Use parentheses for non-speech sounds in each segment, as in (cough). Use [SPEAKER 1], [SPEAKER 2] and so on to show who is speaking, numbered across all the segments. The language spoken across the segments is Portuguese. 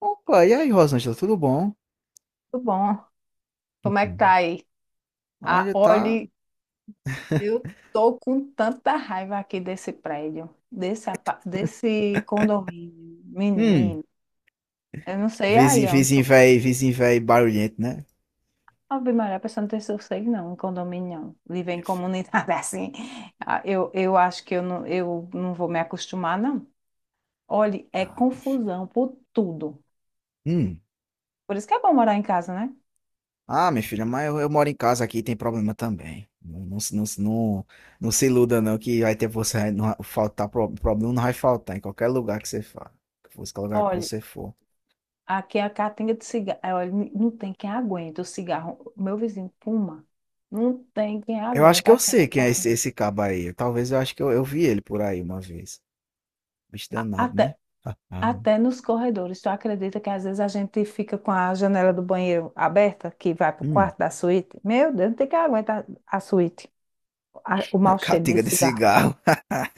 [SPEAKER 1] Opa, e aí, Rosângela, tudo bom?
[SPEAKER 2] Tudo bom? Como é que tá
[SPEAKER 1] Uhum.
[SPEAKER 2] aí? Ah,
[SPEAKER 1] Olha, tá.
[SPEAKER 2] olhe, eu tô com tanta raiva aqui desse prédio, desse, desse condomínio,
[SPEAKER 1] Hum,
[SPEAKER 2] menino. Eu não sei
[SPEAKER 1] vizinho,
[SPEAKER 2] aí onde tu...
[SPEAKER 1] vizinho velho barulhento, né?
[SPEAKER 2] Ave Maria, a pessoa não tem sossego não, em condomínio não. Viver em
[SPEAKER 1] Minha filha.
[SPEAKER 2] comunidade (laughs) assim. Eu acho que eu não vou me acostumar, não. Olhe, é
[SPEAKER 1] Ah, minha filha.
[SPEAKER 2] confusão por tudo.
[SPEAKER 1] Hum.
[SPEAKER 2] Por isso que é bom morar em casa, né?
[SPEAKER 1] Ah, minha filha, mas eu moro em casa aqui, tem problema também. Não, não, não, não, não se iluda, não, que vai ter você. Não, vai faltar, problema não vai faltar em qualquer lugar que você for. Que fosse qualquer lugar que
[SPEAKER 2] Olha,
[SPEAKER 1] você for.
[SPEAKER 2] aqui é a caatinga de cigarro. É, olha, não tem quem aguenta o cigarro. Meu vizinho fuma. Não tem quem
[SPEAKER 1] Eu acho que
[SPEAKER 2] aguenta
[SPEAKER 1] eu sei
[SPEAKER 2] aquela
[SPEAKER 1] quem é
[SPEAKER 2] caatinga.
[SPEAKER 1] esse cabo aí. Talvez eu acho que eu vi ele por aí uma vez. Bicho danado, né?
[SPEAKER 2] Até,
[SPEAKER 1] Ah, ah.
[SPEAKER 2] até nos corredores. Tu acredita que às vezes a gente fica com a janela do banheiro aberta, que vai pro
[SPEAKER 1] Hum,
[SPEAKER 2] quarto da suíte? Meu Deus, não tem quem aguenta a suíte. O mau
[SPEAKER 1] (laughs)
[SPEAKER 2] cheiro de
[SPEAKER 1] catiga de
[SPEAKER 2] cigarro.
[SPEAKER 1] cigarro.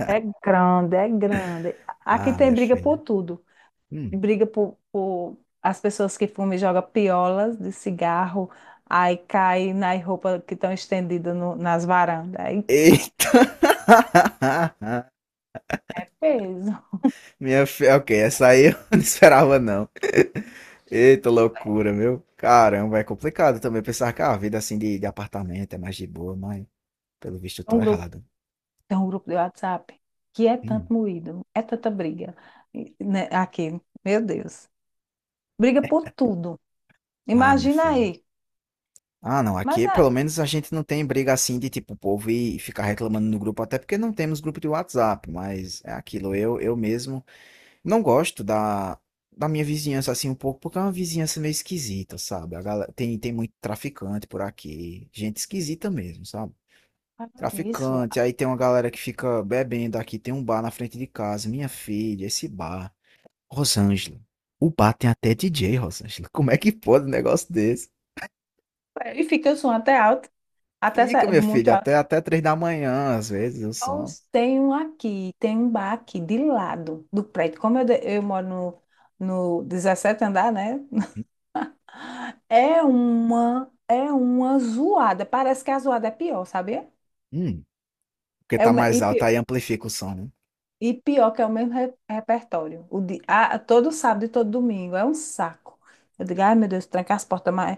[SPEAKER 2] É grande, é grande. Aqui
[SPEAKER 1] Ah,
[SPEAKER 2] tem
[SPEAKER 1] minha
[SPEAKER 2] briga por
[SPEAKER 1] filha.
[SPEAKER 2] tudo.
[SPEAKER 1] Hum.
[SPEAKER 2] Briga por as pessoas que fumam e jogam piolas de cigarro, aí cai nas roupas que estão estendidas nas varandas. Aí
[SPEAKER 1] Eita! (laughs)
[SPEAKER 2] é peso.
[SPEAKER 1] Minha filha, ok, essa aí eu (laughs) não esperava não. Eita loucura, meu. Caramba, é complicado também pensar que ah, a vida assim de apartamento é mais de boa, mas pelo visto eu
[SPEAKER 2] Tem
[SPEAKER 1] tô
[SPEAKER 2] um grupo,
[SPEAKER 1] errado.
[SPEAKER 2] Tem um grupo de WhatsApp que é
[SPEAKER 1] Hum.
[SPEAKER 2] tanto moído, é tanta briga. E, né, aqui, meu Deus. Briga por tudo.
[SPEAKER 1] Ah, minha
[SPEAKER 2] Imagina
[SPEAKER 1] filha.
[SPEAKER 2] aí.
[SPEAKER 1] Ah, não,
[SPEAKER 2] Mas
[SPEAKER 1] aqui pelo
[SPEAKER 2] é,
[SPEAKER 1] menos a gente não tem briga assim de tipo o povo e ficar reclamando no grupo, até porque não temos grupo de WhatsApp, mas é aquilo, eu mesmo não gosto da minha vizinhança assim um pouco, porque é uma vizinhança meio esquisita, sabe? A galera, tem muito traficante por aqui, gente esquisita mesmo, sabe?
[SPEAKER 2] falando nisso,
[SPEAKER 1] Traficante, aí tem uma galera que fica bebendo aqui, tem um bar na frente de casa, minha filha, esse bar, Rosângela. O bar tem até DJ, Rosângela. Como é que pode um negócio desse?
[SPEAKER 2] e fica o som até alto,
[SPEAKER 1] Fica, minha
[SPEAKER 2] muito
[SPEAKER 1] filha,
[SPEAKER 2] alto.
[SPEAKER 1] até três da manhã, às vezes, o
[SPEAKER 2] Eu
[SPEAKER 1] som.
[SPEAKER 2] Tem um aqui, tem um bar aqui de lado do prédio. Como eu, eu moro no 17º andar, né? (laughs)
[SPEAKER 1] Uhum.
[SPEAKER 2] É uma zoada. Parece que a zoada é pior, sabia?
[SPEAKER 1] Hum, porque
[SPEAKER 2] É o,
[SPEAKER 1] tá
[SPEAKER 2] me- e,
[SPEAKER 1] mais alto,
[SPEAKER 2] pi-
[SPEAKER 1] aí amplifica o som, né?
[SPEAKER 2] e pior que é o mesmo repertório. Todo sábado e todo domingo. É um saco. Eu digo, ai meu Deus, tranca as portas, mas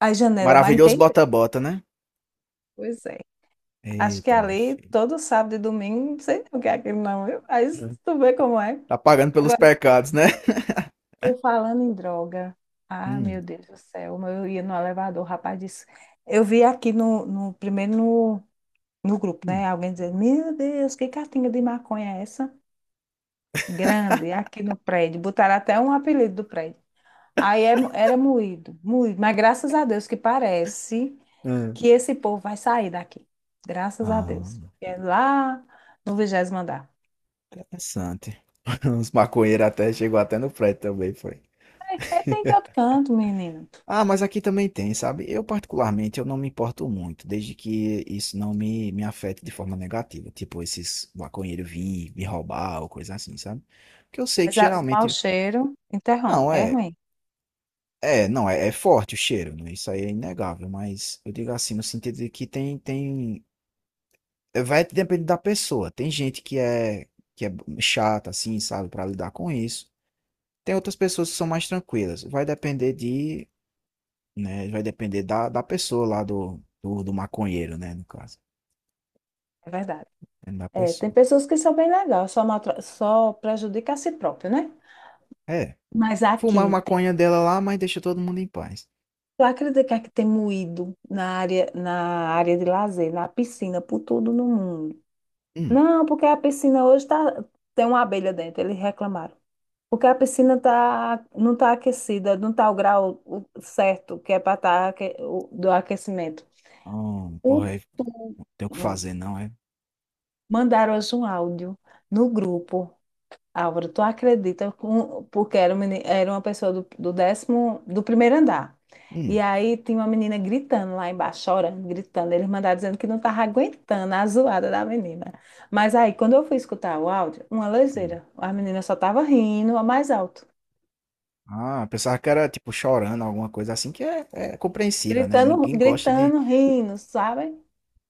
[SPEAKER 2] as janelas, mas não
[SPEAKER 1] Maravilhoso
[SPEAKER 2] tem jeito.
[SPEAKER 1] bota-bota, né?
[SPEAKER 2] Pois é. Acho que
[SPEAKER 1] Eita, minha
[SPEAKER 2] ali,
[SPEAKER 1] filha.
[SPEAKER 2] todo sábado e domingo, não sei o que é aquilo não, viu? Aí tu vê como é.
[SPEAKER 1] Tá pagando pelos pecados, né?
[SPEAKER 2] Tô falando em droga. Ah,
[SPEAKER 1] Hum,
[SPEAKER 2] meu Deus do céu. Eu ia no elevador, o rapaz disse. Eu vi aqui primeiro no grupo, né?
[SPEAKER 1] hum.
[SPEAKER 2] Alguém dizendo, meu Deus, que cartinha de maconha é essa? Grande, aqui no prédio. Botaram até um apelido do prédio. Aí era moído, moído. Mas graças a Deus que parece
[SPEAKER 1] Hum.
[SPEAKER 2] que esse povo vai sair daqui. Graças a
[SPEAKER 1] Ah,
[SPEAKER 2] Deus. É lá no vigésimo andar.
[SPEAKER 1] interessante. (laughs) Os maconheiros até chegou até no prédio também, foi.
[SPEAKER 2] É, tem
[SPEAKER 1] (laughs)
[SPEAKER 2] tanto canto, menino.
[SPEAKER 1] Ah, mas aqui também tem, sabe? Eu particularmente eu não me importo muito, desde que isso não me afete de forma negativa, tipo esses maconheiros vir me roubar ou coisa assim, sabe? Porque eu sei que
[SPEAKER 2] Mas o mau
[SPEAKER 1] geralmente,
[SPEAKER 2] cheiro interrompe.
[SPEAKER 1] não
[SPEAKER 2] É
[SPEAKER 1] é,
[SPEAKER 2] ruim,
[SPEAKER 1] é, não é, é forte o cheiro, né? Isso aí é inegável, mas eu digo assim no sentido de que tem vai depender da pessoa. Tem gente que é chata, assim, sabe, para lidar com isso. Tem outras pessoas que são mais tranquilas. Vai depender de, né? Vai depender da pessoa lá do maconheiro, né? No caso,
[SPEAKER 2] é verdade.
[SPEAKER 1] é da
[SPEAKER 2] É, tem
[SPEAKER 1] pessoa.
[SPEAKER 2] pessoas que são bem legais, só, só prejudica a si próprio, né?
[SPEAKER 1] É,
[SPEAKER 2] Mas
[SPEAKER 1] fumar a
[SPEAKER 2] aqui, tem,
[SPEAKER 1] maconha dela lá, mas deixa todo mundo em paz.
[SPEAKER 2] tu acredita que tem moído na área de lazer, na piscina, por tudo no mundo?
[SPEAKER 1] Hum,
[SPEAKER 2] Não, porque a piscina hoje tá, tem uma abelha dentro, eles reclamaram. Porque a piscina tá, não está aquecida, não está o grau certo que é para estar do aquecimento. O,
[SPEAKER 1] porra, não tem o que
[SPEAKER 2] tu-
[SPEAKER 1] fazer, não é?
[SPEAKER 2] Mandaram hoje um áudio no grupo Álvaro, tu acredita, porque era, era uma pessoa do, do décimo, do primeiro andar. E
[SPEAKER 1] Hum,
[SPEAKER 2] aí tinha uma menina gritando lá embaixo, chorando, gritando. Eles mandaram dizendo que não estava aguentando a zoada da menina. Mas aí, quando eu fui escutar o áudio, uma
[SPEAKER 1] hum.
[SPEAKER 2] leseira. A menina só estava rindo, a mais alto.
[SPEAKER 1] Ah, pensava que era tipo chorando, alguma coisa assim, é compreensível, né?
[SPEAKER 2] Gritando,
[SPEAKER 1] Ninguém gosta de
[SPEAKER 2] gritando, rindo, sabe?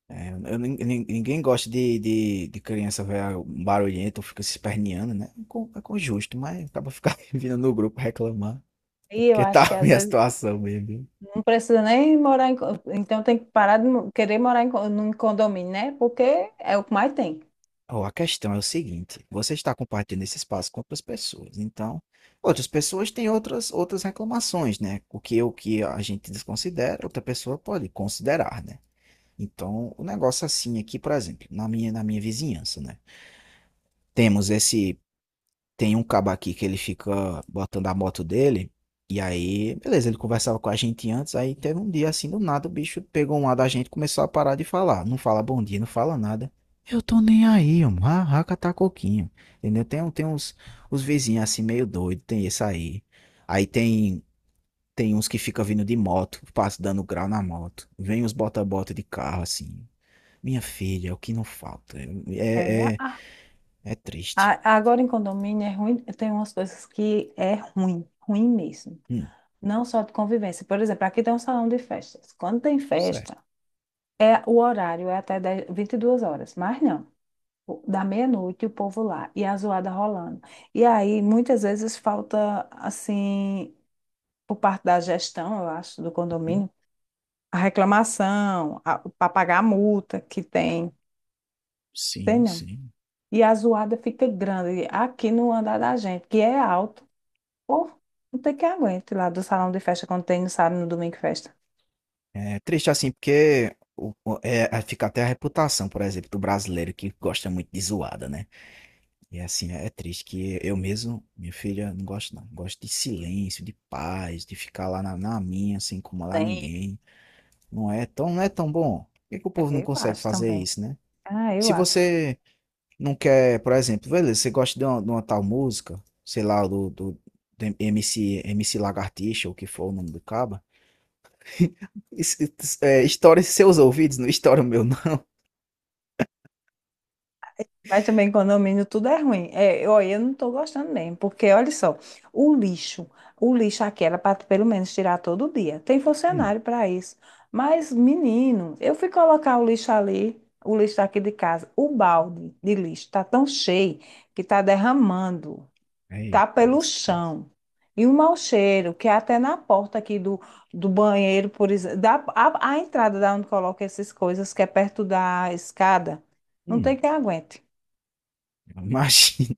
[SPEAKER 1] é, eu ninguém gosta de criança ver barulhento, fica se esperneando, né? É com justo, mas acaba ficar (laughs) vindo no grupo reclamar. É
[SPEAKER 2] E eu
[SPEAKER 1] porque tá (laughs)
[SPEAKER 2] acho que às
[SPEAKER 1] ruim a
[SPEAKER 2] vezes
[SPEAKER 1] situação mesmo, viu?
[SPEAKER 2] não precisa nem morar em... Então tem que parar querer morar em, num condomínio, né? Porque é o que mais tem.
[SPEAKER 1] Ó, a questão é o seguinte: você está compartilhando esse espaço com outras pessoas, então outras pessoas têm outras reclamações, né? O que a gente desconsidera, outra pessoa pode considerar, né? Então, o negócio assim aqui, por exemplo, na minha vizinhança, né? Temos esse tem um cabo aqui que ele fica botando a moto dele. E aí, beleza, ele conversava com a gente antes. Aí teve um dia assim, do nada, o bicho pegou um lado da gente e começou a parar de falar. Não fala bom dia, não fala nada. Eu tô nem aí, mano. Raca tá coquinho. Entendeu? Tem uns, uns vizinhos assim, meio doido. Tem esse aí. Aí tem, tem uns que fica vindo de moto, passa dando grau na moto. Vem os bota-bota de carro assim. Minha filha, é o que não falta. É,
[SPEAKER 2] É,
[SPEAKER 1] é, é triste.
[SPEAKER 2] Agora em condomínio é ruim, tem umas coisas que é ruim, ruim mesmo.
[SPEAKER 1] Hum,
[SPEAKER 2] Não só de convivência. Por exemplo, aqui tem um salão de festas. Quando tem
[SPEAKER 1] certo.
[SPEAKER 2] festa, é o horário é até 10, 22 horas, mas não. Da meia-noite o povo lá e a zoada rolando. E aí muitas vezes falta assim, por parte da gestão, eu acho, do condomínio, a reclamação, para pagar a multa que tem,
[SPEAKER 1] Sim,
[SPEAKER 2] entendeu?
[SPEAKER 1] sim.
[SPEAKER 2] E a zoada fica grande aqui no andar da gente, que é alto. Pô, não tem que aguente lá do salão de festa quando tem no sábado, no domingo festa.
[SPEAKER 1] É triste assim, porque é- fica até a reputação, por exemplo, do brasileiro que gosta muito de zoada, né? E assim, é triste que eu mesmo, minha filha, não gosto não. Gosto de silêncio, de paz, de ficar lá na minha, sem incomodar
[SPEAKER 2] Tem.
[SPEAKER 1] ninguém. Não é tão, não é tão bom. Por que que o povo
[SPEAKER 2] É,
[SPEAKER 1] não
[SPEAKER 2] eu
[SPEAKER 1] consegue
[SPEAKER 2] acho
[SPEAKER 1] fazer
[SPEAKER 2] também.
[SPEAKER 1] isso, né?
[SPEAKER 2] Ah, eu
[SPEAKER 1] Se
[SPEAKER 2] acho.
[SPEAKER 1] você não quer, por exemplo, beleza, você gosta de de uma tal música, sei lá, do MC, MC Lagartixa, ou o que for o nome do cabo. (laughs) Isso- É, estoure seus ouvidos, não estoura o meu, não.
[SPEAKER 2] Mas também condomínio tudo é ruim. É, eu, olha, eu não estou gostando mesmo, porque olha só, o lixo, o lixo aqui era para pelo menos tirar todo dia. Tem
[SPEAKER 1] Hum,
[SPEAKER 2] funcionário para isso. Mas, menino, eu fui colocar o lixo ali, o lixo aqui de casa, o balde de lixo está tão cheio que está derramando.
[SPEAKER 1] aí,
[SPEAKER 2] Tá pelo
[SPEAKER 1] lasqueira.
[SPEAKER 2] chão. E um mau cheiro, que é até na porta aqui do, do banheiro, por exemplo, a entrada da onde coloca essas coisas, que é perto da escada, não
[SPEAKER 1] Hum,
[SPEAKER 2] tem quem aguente.
[SPEAKER 1] (laughs) realmente, imagina.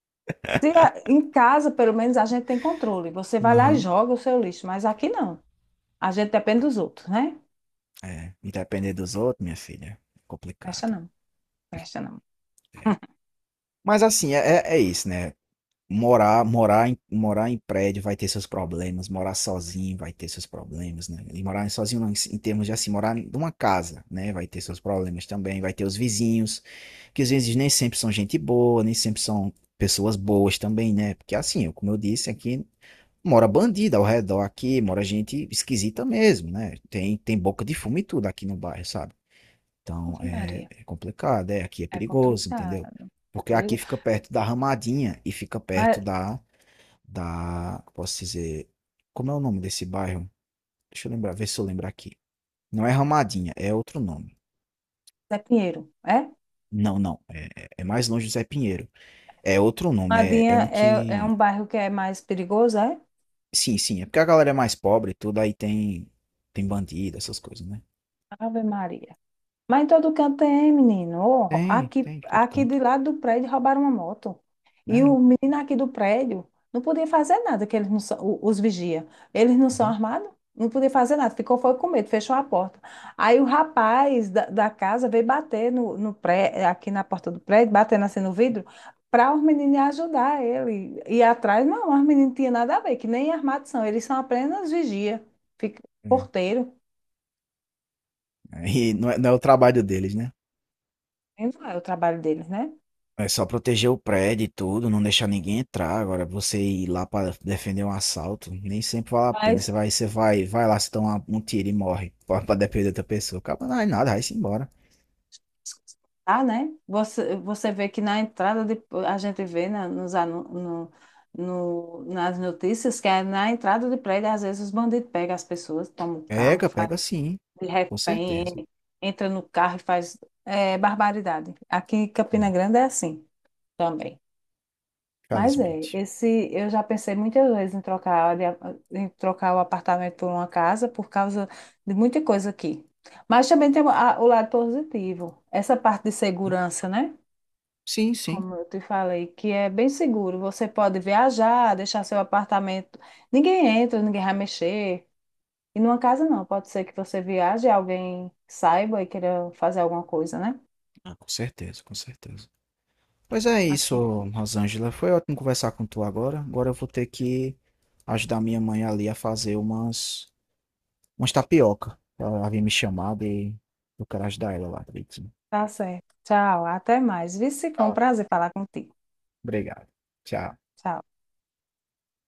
[SPEAKER 2] Se a- Em casa, pelo menos, a gente tem controle. Você vai lá e
[SPEAKER 1] Aham.
[SPEAKER 2] joga o seu lixo, mas aqui não. A gente depende dos outros, né?
[SPEAKER 1] É, e depender dos outros, minha filha, é
[SPEAKER 2] Presta
[SPEAKER 1] complicado.
[SPEAKER 2] não, presta não.
[SPEAKER 1] Mas assim, é isso, né? Morar em prédio vai ter seus problemas, morar sozinho vai ter seus problemas, né? E morar sozinho não, em termos de assim, morar em uma casa, né? Vai ter seus problemas também, vai ter os vizinhos, que às vezes nem sempre são gente boa, nem sempre são pessoas boas também, né? Porque assim, como eu disse aqui, mora bandida ao redor aqui, mora gente esquisita mesmo, né? Tem boca de fumo e tudo aqui no bairro, sabe? Então
[SPEAKER 2] Ave Maria,
[SPEAKER 1] é complicado, é, aqui é
[SPEAKER 2] é
[SPEAKER 1] perigoso, entendeu?
[SPEAKER 2] complicado, é
[SPEAKER 1] Porque aqui
[SPEAKER 2] perigo.
[SPEAKER 1] fica perto da Ramadinha e fica perto
[SPEAKER 2] Mas
[SPEAKER 1] da, da, posso dizer, como é o nome desse bairro? Deixa eu lembrar, ver se eu lembro aqui. Não é Ramadinha, é outro nome.
[SPEAKER 2] é Pinheiro, é?
[SPEAKER 1] Não, não, é mais longe do Zé Pinheiro. É outro nome, é, é
[SPEAKER 2] Madinha
[SPEAKER 1] um
[SPEAKER 2] é, é um
[SPEAKER 1] que...
[SPEAKER 2] bairro que é mais perigoso, é?
[SPEAKER 1] Sim, sim, é porque a galera é mais pobre e tudo, aí tem, tem bandido, essas coisas, né?
[SPEAKER 2] Ave Maria. Mas em todo canto tem, menino. Ó,
[SPEAKER 1] Tem,
[SPEAKER 2] aqui,
[SPEAKER 1] tem, todo
[SPEAKER 2] aqui
[SPEAKER 1] canto.
[SPEAKER 2] do lado do prédio roubaram uma moto. E
[SPEAKER 1] É,
[SPEAKER 2] o menino aqui do prédio não podia fazer nada, que eles não são, os vigia. Eles não são
[SPEAKER 1] uhum.
[SPEAKER 2] armados, não podia fazer nada. Ficou foi com medo, fechou a porta. Aí o rapaz da casa veio bater no, no pré, aqui na porta do prédio, batendo assim no vidro, para os meninos ajudar ele. E atrás, não, os meninos não tinham nada a ver, que nem armados são. Eles são apenas vigia, fica,
[SPEAKER 1] É,
[SPEAKER 2] porteiro.
[SPEAKER 1] aí não é o trabalho deles, né?
[SPEAKER 2] E não é o trabalho deles, né?
[SPEAKER 1] É só proteger o prédio e tudo, não deixar ninguém entrar. Agora, você ir lá para defender um assalto, nem sempre vale a pena.
[SPEAKER 2] Mas
[SPEAKER 1] Você vai, vai lá, se toma um tiro e morre (laughs) para defender outra pessoa. Acaba não é nada, vai-se embora.
[SPEAKER 2] tá, né? Você vê que na entrada de, a gente vê na, nos, anu- no, no, nas notícias que é na entrada de prédio, às vezes os bandidos pegam as pessoas, tomam o carro,
[SPEAKER 1] Pega,
[SPEAKER 2] faz
[SPEAKER 1] pega sim,
[SPEAKER 2] de
[SPEAKER 1] com
[SPEAKER 2] refém,
[SPEAKER 1] certeza.
[SPEAKER 2] entra no carro e faz é, barbaridade. Aqui em Campina
[SPEAKER 1] Hum,
[SPEAKER 2] Grande é assim também. Mas é,
[SPEAKER 1] Infelizmente.
[SPEAKER 2] esse eu já pensei muitas vezes em trocar, em trocar o apartamento por uma casa por causa de muita coisa aqui. Mas também tem o lado positivo, essa parte de segurança, né?
[SPEAKER 1] Sim, sim.
[SPEAKER 2] Como eu te falei, que é bem seguro. Você pode viajar, deixar seu apartamento. Ninguém entra, ninguém vai mexer. E numa casa não, pode ser que você viaje e alguém saiba e queira fazer alguma coisa, né?
[SPEAKER 1] Ah, com certeza, com certeza. Pois é isso,
[SPEAKER 2] Aqui.
[SPEAKER 1] Rosângela. Foi ótimo conversar com tu agora. Agora eu vou ter que ajudar minha mãe ali a fazer umas, umas tapioca. Ela havia me chamado e eu quero ajudar ela lá direitinho.
[SPEAKER 2] Tá certo. Tchau, até mais. Vice, foi um
[SPEAKER 1] Tá.
[SPEAKER 2] prazer falar contigo.
[SPEAKER 1] Obrigado. Tchau.
[SPEAKER 2] Tchau.